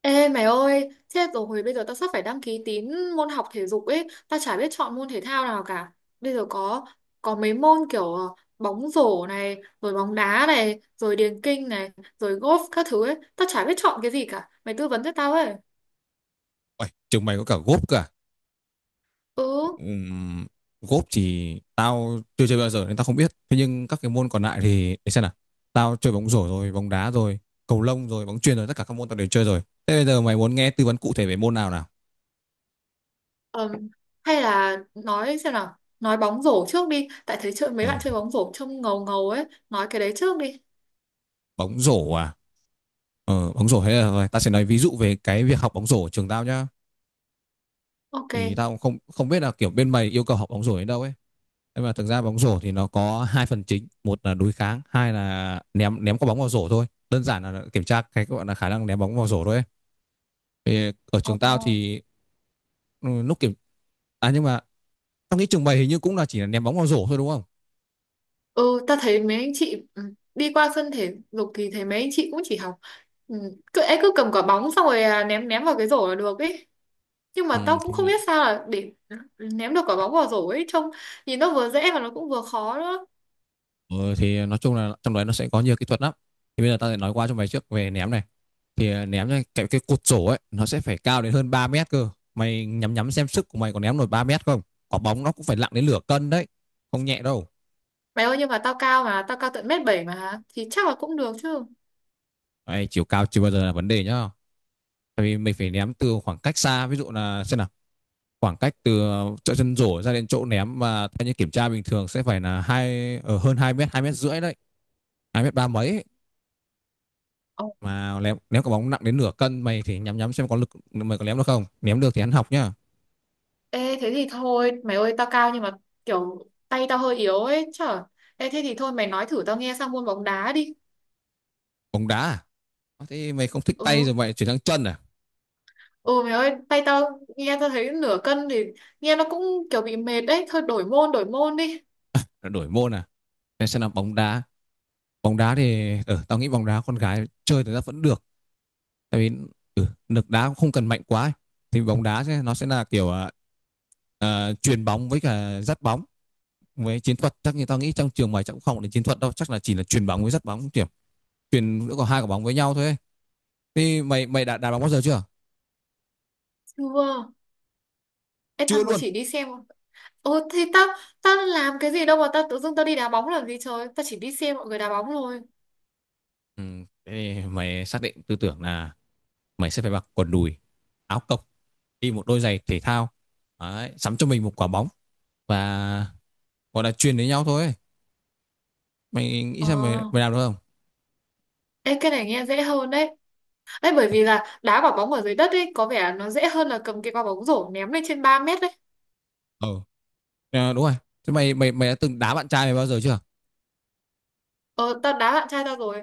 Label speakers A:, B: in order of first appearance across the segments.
A: Ê mày ơi, chết rồi, bây giờ tao sắp phải đăng ký tín môn học thể dục ấy, tao chả biết chọn môn thể thao nào cả. Bây giờ có mấy môn kiểu bóng rổ này, rồi bóng đá này, rồi điền kinh này, rồi golf các thứ ấy, tao chả biết chọn cái gì cả. Mày tư vấn cho tao ấy.
B: Uầy, trường mày có cả gốp cả.
A: Ừ.
B: Ừm, Gốp thì tao chưa chơi bao giờ nên tao không biết. Thế nhưng các cái môn còn lại thì để xem nào. Tao chơi bóng rổ rồi, bóng đá rồi, cầu lông rồi, bóng chuyền rồi, tất cả các môn tao đều chơi rồi. Thế bây giờ mày muốn nghe tư vấn cụ thể về môn nào nào?
A: ừm, Hay là nói xem nào, nói bóng rổ trước đi, tại thấy chơi mấy
B: Ờ,
A: bạn chơi bóng rổ trông ngầu ngầu ấy, nói cái đấy trước đi.
B: bóng rổ à? Ờ, bóng rổ hay là rồi, tao sẽ nói ví dụ về cái việc học bóng rổ ở trường tao nhá. Thì
A: Ok.
B: tao cũng không không biết là kiểu bên mày yêu cầu học bóng rổ đến đâu ấy, nhưng mà thực ra bóng rổ thì nó có hai phần chính, một là đối kháng, hai là ném ném quả bóng vào rổ thôi, đơn giản là kiểm tra cái gọi là khả năng ném bóng vào rổ thôi ấy. Thì ở
A: Ồ.
B: trường tao thì ừ, lúc kiểm à nhưng mà tao nghĩ trường mày hình như cũng là chỉ là ném bóng vào rổ thôi đúng không.
A: Ừ, ta thấy mấy anh chị đi qua sân thể dục thì thấy mấy anh chị cũng chỉ học ừ, cứ cầm quả bóng xong rồi ném ném vào cái rổ là được ấy, nhưng mà
B: ừ,
A: tao cũng
B: thì,
A: không biết sao là để ném được quả bóng vào rổ ấy, trông nhìn nó vừa dễ mà nó cũng vừa khó nữa.
B: ừ, thì nói chung là trong đấy nó sẽ có nhiều kỹ thuật lắm. Thì bây giờ tao sẽ nói qua cho mày trước về ném này. Thì ném ra cái cột sổ ấy nó sẽ phải cao đến hơn 3 mét cơ. Mày nhắm nhắm xem sức của mày có ném nổi 3 mét không. Quả bóng nó cũng phải nặng đến nửa cân đấy, không nhẹ đâu.
A: Mày ơi, nhưng mà tao cao tận mét bảy mà thì chắc là cũng được chứ.
B: Đấy, chiều cao chưa bao giờ là vấn đề nhá, tại vì mình phải ném từ khoảng cách xa, ví dụ là xem nào, khoảng cách từ chỗ chân rổ ra đến chỗ ném mà theo như kiểm tra bình thường sẽ phải là hai ở hơn 2 mét, 2 mét rưỡi đấy, 2 mét ba mấy ấy.
A: Ồ.
B: Mà ném ném quả bóng nặng đến nửa cân, mày thì nhắm nhắm xem có lực, mày có ném được không, ném được thì ăn học nhá.
A: Ê thế thì thôi mày ơi, tao cao nhưng mà kiểu tay tao hơi yếu ấy chở. Ê thế thì thôi mày nói thử tao nghe sang môn bóng đá đi.
B: Bóng đá à? Thế mày không thích tay
A: Ừ.
B: rồi mày chuyển sang chân à?
A: Ừ mày ơi, tay tao nghe tao thấy nửa cân thì nghe nó cũng kiểu bị mệt đấy, thôi đổi môn đi.
B: Đổi môn à? Thế sẽ là bóng đá. Bóng đá thì tao nghĩ bóng đá con gái chơi thì ra vẫn được, tại vì lực đá cũng không cần mạnh quá ấy. Thì bóng đá sẽ, nó sẽ là kiểu chuyền bóng với cả dắt bóng với chiến thuật. Chắc như tao nghĩ trong trường mày chắc cũng không đến chiến thuật đâu, chắc là chỉ là chuyền bóng với dắt bóng kiểu chuyền giữa có hai quả bóng với nhau thôi ấy. Thì mày mày đã đá bóng bao giờ chưa?
A: Chưa. Ê tao
B: Chưa
A: mới
B: luôn.
A: chỉ đi xem. Ồ thì tao tao làm cái gì đâu mà tao tự dưng tao đi đá bóng làm gì trời, tao chỉ đi xem mọi người đá bóng thôi.
B: Ừ, thế thì mày xác định tư tưởng là mày sẽ phải mặc quần đùi, áo cộc, đi một đôi giày thể thao. Đấy, sắm cho mình một quả bóng và gọi là truyền với nhau thôi ấy. Mày nghĩ
A: Ờ.
B: xem mày mày làm được không.
A: Ê cái này nghe dễ hơn đấy. Ê bởi vì là đá quả bóng ở dưới đất ấy có vẻ nó dễ hơn là cầm cái quả bóng rổ ném lên trên 3 mét đấy.
B: Ờ, à, đúng rồi. Thế mày mày mày đã từng đá bạn trai mày bao giờ chưa?
A: Ờ, tao đá bạn trai tao rồi.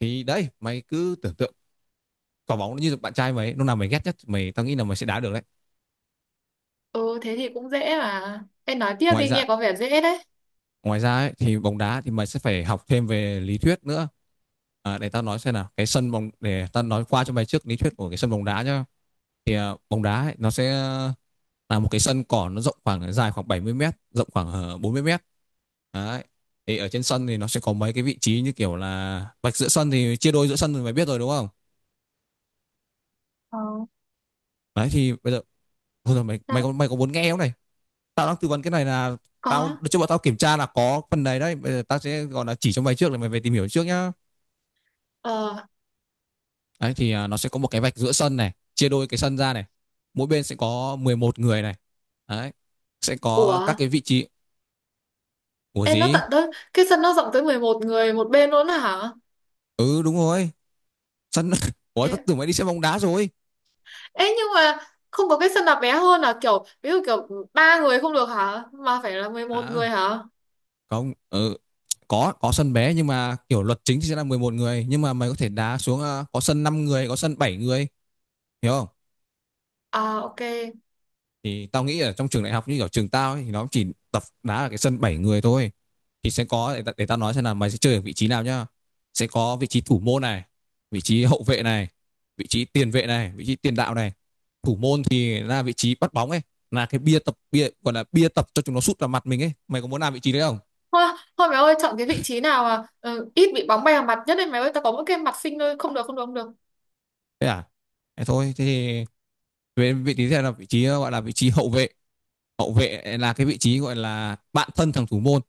B: Thì đấy, mày cứ tưởng tượng quả bóng nó như bạn trai mày ấy, lúc nào mày ghét nhất mày, tao nghĩ là mày sẽ đá được đấy.
A: Ừ thế thì cũng dễ mà. Em nói tiếp
B: ngoài
A: đi,
B: ra
A: nghe có vẻ dễ đấy.
B: ngoài ra ấy, thì bóng đá thì mày sẽ phải học thêm về lý thuyết nữa. À, để tao nói xem nào, cái sân bóng, để tao nói qua cho mày trước lý thuyết của cái sân bóng đá nhá. Thì bóng đá ấy, nó sẽ là một cái sân cỏ, nó rộng khoảng dài khoảng 70 mét, rộng khoảng 40 mét. Đấy, thì ở trên sân thì nó sẽ có mấy cái vị trí như kiểu là vạch giữa sân thì chia đôi giữa sân thì mày biết rồi đúng không.
A: Ờ.
B: Đấy, thì bây giờ, thôi rồi, mày
A: Tao
B: mày có muốn nghe không này? Tao đang tư vấn cái này là tao
A: có.
B: cho bọn tao kiểm tra là có phần này đấy, bây giờ tao sẽ gọi là chỉ cho mày trước để mày về tìm hiểu trước nhá.
A: Ờ.
B: Đấy thì nó sẽ có một cái vạch giữa sân này, chia đôi cái sân ra này, mỗi bên sẽ có 11 người này. Đấy, sẽ có các
A: Ủa?
B: cái vị trí của
A: Ê, nó
B: gì.
A: tận tới cái sân nó rộng tới 11 người một bên luôn đó hả?
B: Ừ đúng rồi, sân ủa,
A: Ê,
B: tao tưởng mày đi xem bóng đá rồi.
A: ê, nhưng mà không có cái sân nào bé hơn, là kiểu ví dụ kiểu 3 người không được hả? Mà phải là 11 người
B: À
A: hả?
B: không, có sân bé, nhưng mà kiểu luật chính thì sẽ là 11 người, nhưng mà mày có thể đá xuống có sân 5 người, có sân 7 người, hiểu không.
A: À ok.
B: Thì tao nghĩ ở trong trường đại học như ở trường tao ấy, thì nó chỉ tập đá ở cái sân 7 người thôi. Thì sẽ có, để tao nói xem là mày sẽ chơi ở vị trí nào nhá. Sẽ có vị trí thủ môn này, vị trí hậu vệ này, vị trí tiền vệ này, vị trí tiền đạo này. Thủ môn thì là vị trí bắt bóng ấy, là cái bia tập, bia gọi là bia tập cho chúng nó sút vào mặt mình ấy, mày có muốn làm vị trí đấy không?
A: Thôi, thôi mày ơi, chọn cái vị trí nào mà ừ, ít bị bóng bay vào mặt nhất đấy mày ơi, tao có mỗi cái mặt xinh thôi, không được, không được, không được.
B: Thế à, thế thôi, thế thì về vị trí, thế là vị trí gọi là vị trí hậu vệ. Hậu vệ là cái vị trí gọi là bạn thân thằng thủ môn.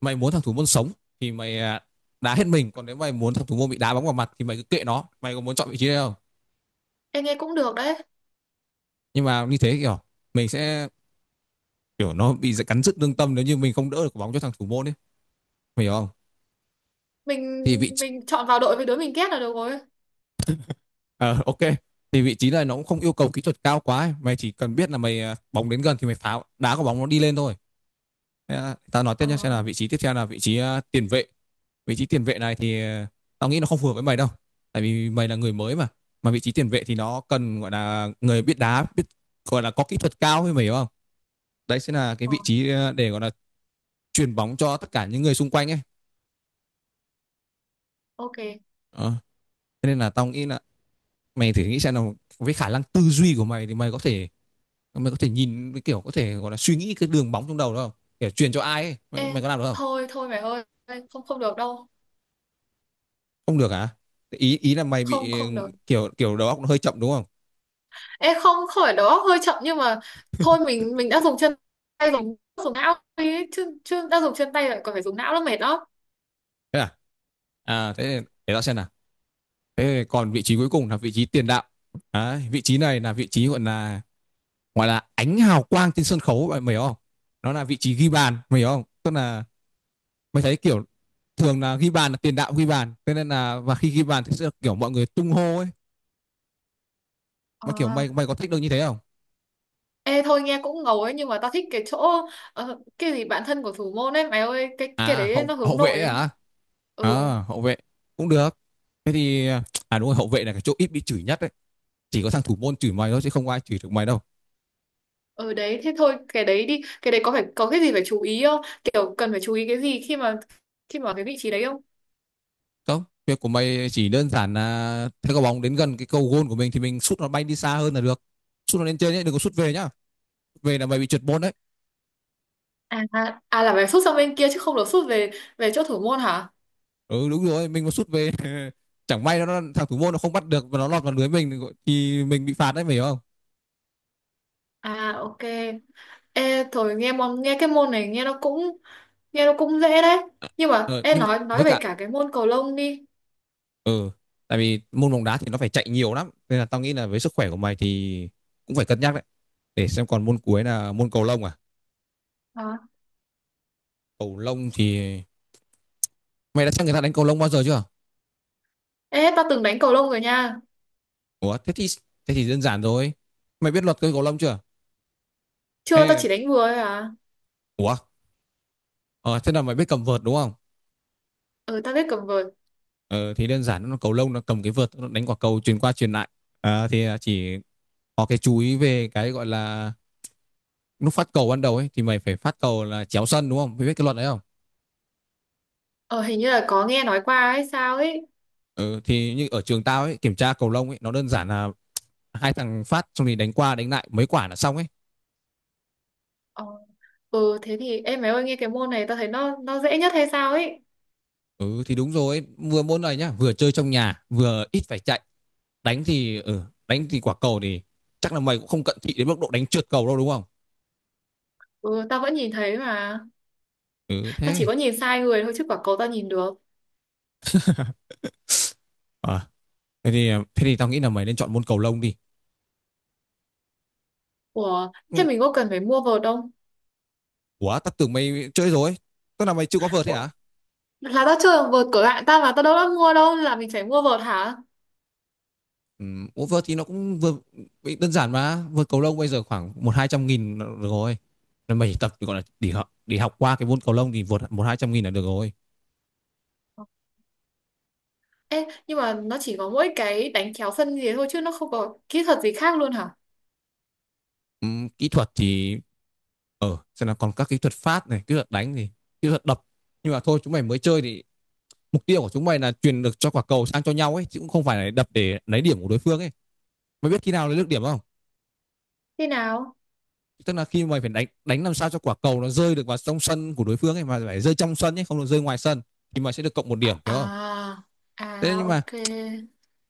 B: Mày muốn thằng thủ môn sống thì mày đá hết mình, còn nếu mày muốn thằng thủ môn bị đá bóng vào mặt thì mày cứ kệ nó. Mày có muốn chọn vị trí đấy không?
A: Em nghe cũng được đấy.
B: Nhưng mà như thế kiểu mình sẽ, kiểu nó bị cắn rứt lương tâm nếu như mình không đỡ được bóng cho thằng thủ môn ấy, mày hiểu không?
A: Mình
B: Thì vị
A: mình chọn vào đội với đứa mình ghét là được rồi.
B: Ờ, ok. Thì vị trí này nó cũng không yêu cầu kỹ thuật cao quá ấy. Mày chỉ cần biết là mày bóng đến gần thì mày phá, đá quả bóng nó đi lên thôi. Thế, tao nói tiếp
A: À,
B: nhé, xem là vị trí tiếp theo là vị trí tiền vệ. Vị trí tiền vệ này thì tao nghĩ nó không phù hợp với mày đâu, tại vì mày là người mới mà vị trí tiền vệ thì nó cần gọi là người biết đá, biết gọi là có kỹ thuật cao ấy, mày hiểu không. Đấy sẽ là cái vị
A: rồi,
B: trí để gọi là truyền bóng cho tất cả những người xung quanh ấy.
A: ok.
B: Ờ, thế nên là tao nghĩ là mày thử nghĩ xem là với khả năng tư duy của mày thì mày có thể nhìn cái kiểu, có thể gọi là suy nghĩ cái đường bóng trong đầu đó không, kiểu truyền cho ai ấy, mày,
A: Ê,
B: mày có làm được không?
A: thôi thôi mày ơi, không không được đâu.
B: Không được hả? Ý ý là mày
A: Không,
B: bị
A: không được.
B: kiểu kiểu đầu óc nó hơi chậm đúng không?
A: Ê không, không phải đầu óc hơi chậm nhưng mà thôi, mình đã dùng chân tay, dùng dùng não đi, chứ chứ đã dùng chân tay lại còn phải dùng não nó mệt đó.
B: Thế à thế để tao xem nào. Thế còn vị trí cuối cùng là vị trí tiền đạo. Đấy, vị trí này là vị trí gọi là ánh hào quang trên sân khấu bạn, mày hiểu không? Nó là vị trí ghi bàn, mày hiểu không? Tức là mày thấy kiểu thường là ghi bàn là tiền đạo ghi bàn, thế nên là và khi ghi bàn thì sẽ kiểu mọi người tung hô ấy.
A: Ờ.
B: Mà kiểu mày mày có thích được như thế không?
A: Ê thôi nghe cũng ngầu ấy, nhưng mà tao thích cái chỗ cái gì bạn thân của thủ môn ấy mày ơi, cái
B: À
A: đấy
B: hậu
A: nó
B: hậu
A: hướng
B: vệ
A: nội á.
B: hả?
A: Ừ,
B: À hậu vệ cũng được. Thế thì à đúng rồi, hậu vệ là cái chỗ ít bị chửi nhất đấy. Chỉ có thằng thủ môn chửi mày thôi chứ không ai chửi được mày đâu.
A: ừ đấy thế thôi cái đấy đi, cái đấy có phải có cái gì phải chú ý không, kiểu cần phải chú ý cái gì khi mà cái vị trí đấy không?
B: Không, việc của mày chỉ đơn giản là thấy quả bóng đến gần cái cầu goal của mình thì mình sút nó bay đi xa hơn là được. Sút nó lên trên nhé, đừng có sút về nhá. Về là mày bị trượt môn đấy.
A: À, à, là phải sút sang bên kia chứ không được sút về về chỗ thủ môn hả?
B: Ừ đúng rồi, mình mà sút về chẳng may nó, thằng thủ môn nó không bắt được và nó lọt vào lưới mình thì mình bị phạt đấy, mày hiểu không?
A: À ok. Ê, thôi nghe cái môn này nghe nó cũng dễ đấy, nhưng mà
B: Ờ,
A: ê
B: nhưng mà
A: nói
B: với
A: về
B: cả
A: cả cái môn cầu lông đi.
B: ừ tại vì môn bóng đá thì nó phải chạy nhiều lắm nên là tao nghĩ là với sức khỏe của mày thì cũng phải cân nhắc đấy. Để xem, còn môn cuối là môn cầu lông à.
A: À.
B: Cầu lông thì mày đã xem người ta đánh cầu lông bao giờ chưa?
A: Ê tao từng đánh cầu lông rồi nha.
B: Ủa thế thì, thế thì đơn giản rồi, mày biết luật chơi cầu lông chưa?
A: Chưa, tao
B: Ê,
A: chỉ đánh vừa thôi à.
B: ủa, ờ, thế là mày biết cầm vợt đúng không?
A: Ừ, tao biết cầm vợt.
B: Ờ, thì đơn giản, nó cầu lông nó cầm cái vợt nó đánh quả cầu truyền qua truyền lại. À, thì chỉ có cái chú ý về cái gọi là lúc phát cầu ban đầu ấy thì mày phải phát cầu là chéo sân đúng không? Mày biết cái luật đấy không?
A: Ờ, hình như là có nghe nói qua hay sao ấy.
B: Ừ, thì như ở trường tao ấy, kiểm tra cầu lông ấy nó đơn giản là hai thằng phát xong thì đánh qua đánh lại mấy quả là xong ấy.
A: Ờ. Ừ thế thì em mày ơi, nghe cái môn này tao thấy nó dễ nhất hay sao ấy.
B: Ừ thì đúng rồi ấy, vừa môn này nhá, vừa chơi trong nhà, vừa ít phải chạy. Đánh thì ừ, đánh thì quả cầu thì chắc là mày cũng không cận thị đến mức độ đánh trượt cầu đâu đúng không?
A: Ừ tao vẫn nhìn thấy mà.
B: Ừ
A: Tao chỉ
B: thế.
A: có nhìn sai người thôi chứ quả cầu tao nhìn được.
B: Ờ, thế thì tao nghĩ là mày nên chọn môn cầu lông đi.
A: Ủa thế
B: Ừ,
A: mình có cần phải mua vợt không?
B: ủa, tao tưởng mày chơi rồi. Tức là mày chưa có vợt thế
A: Ủa,
B: hả?
A: là tao chưa, vợt của bạn tao mà tao đâu đã mua đâu, là mình phải mua vợt hả?
B: Ừ, ủa, vợt thì nó cũng vừa đơn giản mà. Vợt cầu lông bây giờ khoảng một hai trăm nghìn là được rồi. Nên mày chỉ tập gọi là để học qua cái môn cầu lông thì vượt một hai trăm nghìn là được rồi.
A: Ê, nhưng mà nó chỉ có mỗi cái đánh kéo phân gì thôi chứ nó không có kỹ thuật gì khác luôn hả?
B: Ừ, kỹ thuật thì xem là còn các kỹ thuật phát này, kỹ thuật đánh thì kỹ thuật đập. Nhưng mà thôi, chúng mày mới chơi thì mục tiêu của chúng mày là truyền được cho quả cầu sang cho nhau ấy, chứ cũng không phải là đập để lấy điểm của đối phương ấy. Mày biết khi nào lấy được điểm không?
A: Thế nào?
B: Tức là khi mày phải đánh, đánh làm sao cho quả cầu nó rơi được vào trong sân của đối phương ấy, mà phải rơi trong sân ấy, không được rơi ngoài sân, thì mày sẽ được cộng một điểm, hiểu không.
A: À,
B: Thế
A: à
B: nhưng mà,
A: ok.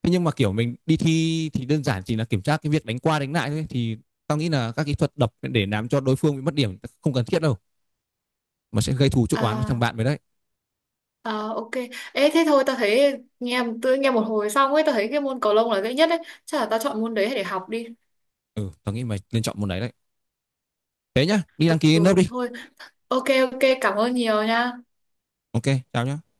B: thế nhưng mà kiểu mình đi thi thì đơn giản chỉ là kiểm tra cái việc đánh qua đánh lại thôi, thì tao nghĩ là các kỹ thuật đập để làm cho đối phương bị mất điểm không cần thiết đâu, mà sẽ gây thù chuốc oán với thằng
A: À,
B: bạn mới đấy.
A: à ok. Ê thế thôi, tao thấy nghe một hồi xong ấy tao thấy cái môn cầu lông là dễ nhất đấy. Chắc là tao chọn môn đấy để học đi.
B: Ừ, tao nghĩ mày nên chọn môn đấy đấy, thế nhá, đi
A: Ừ
B: đăng ký lớp đi.
A: thôi. Ok, ok cảm ơn nhiều nha.
B: Ok, chào nhá.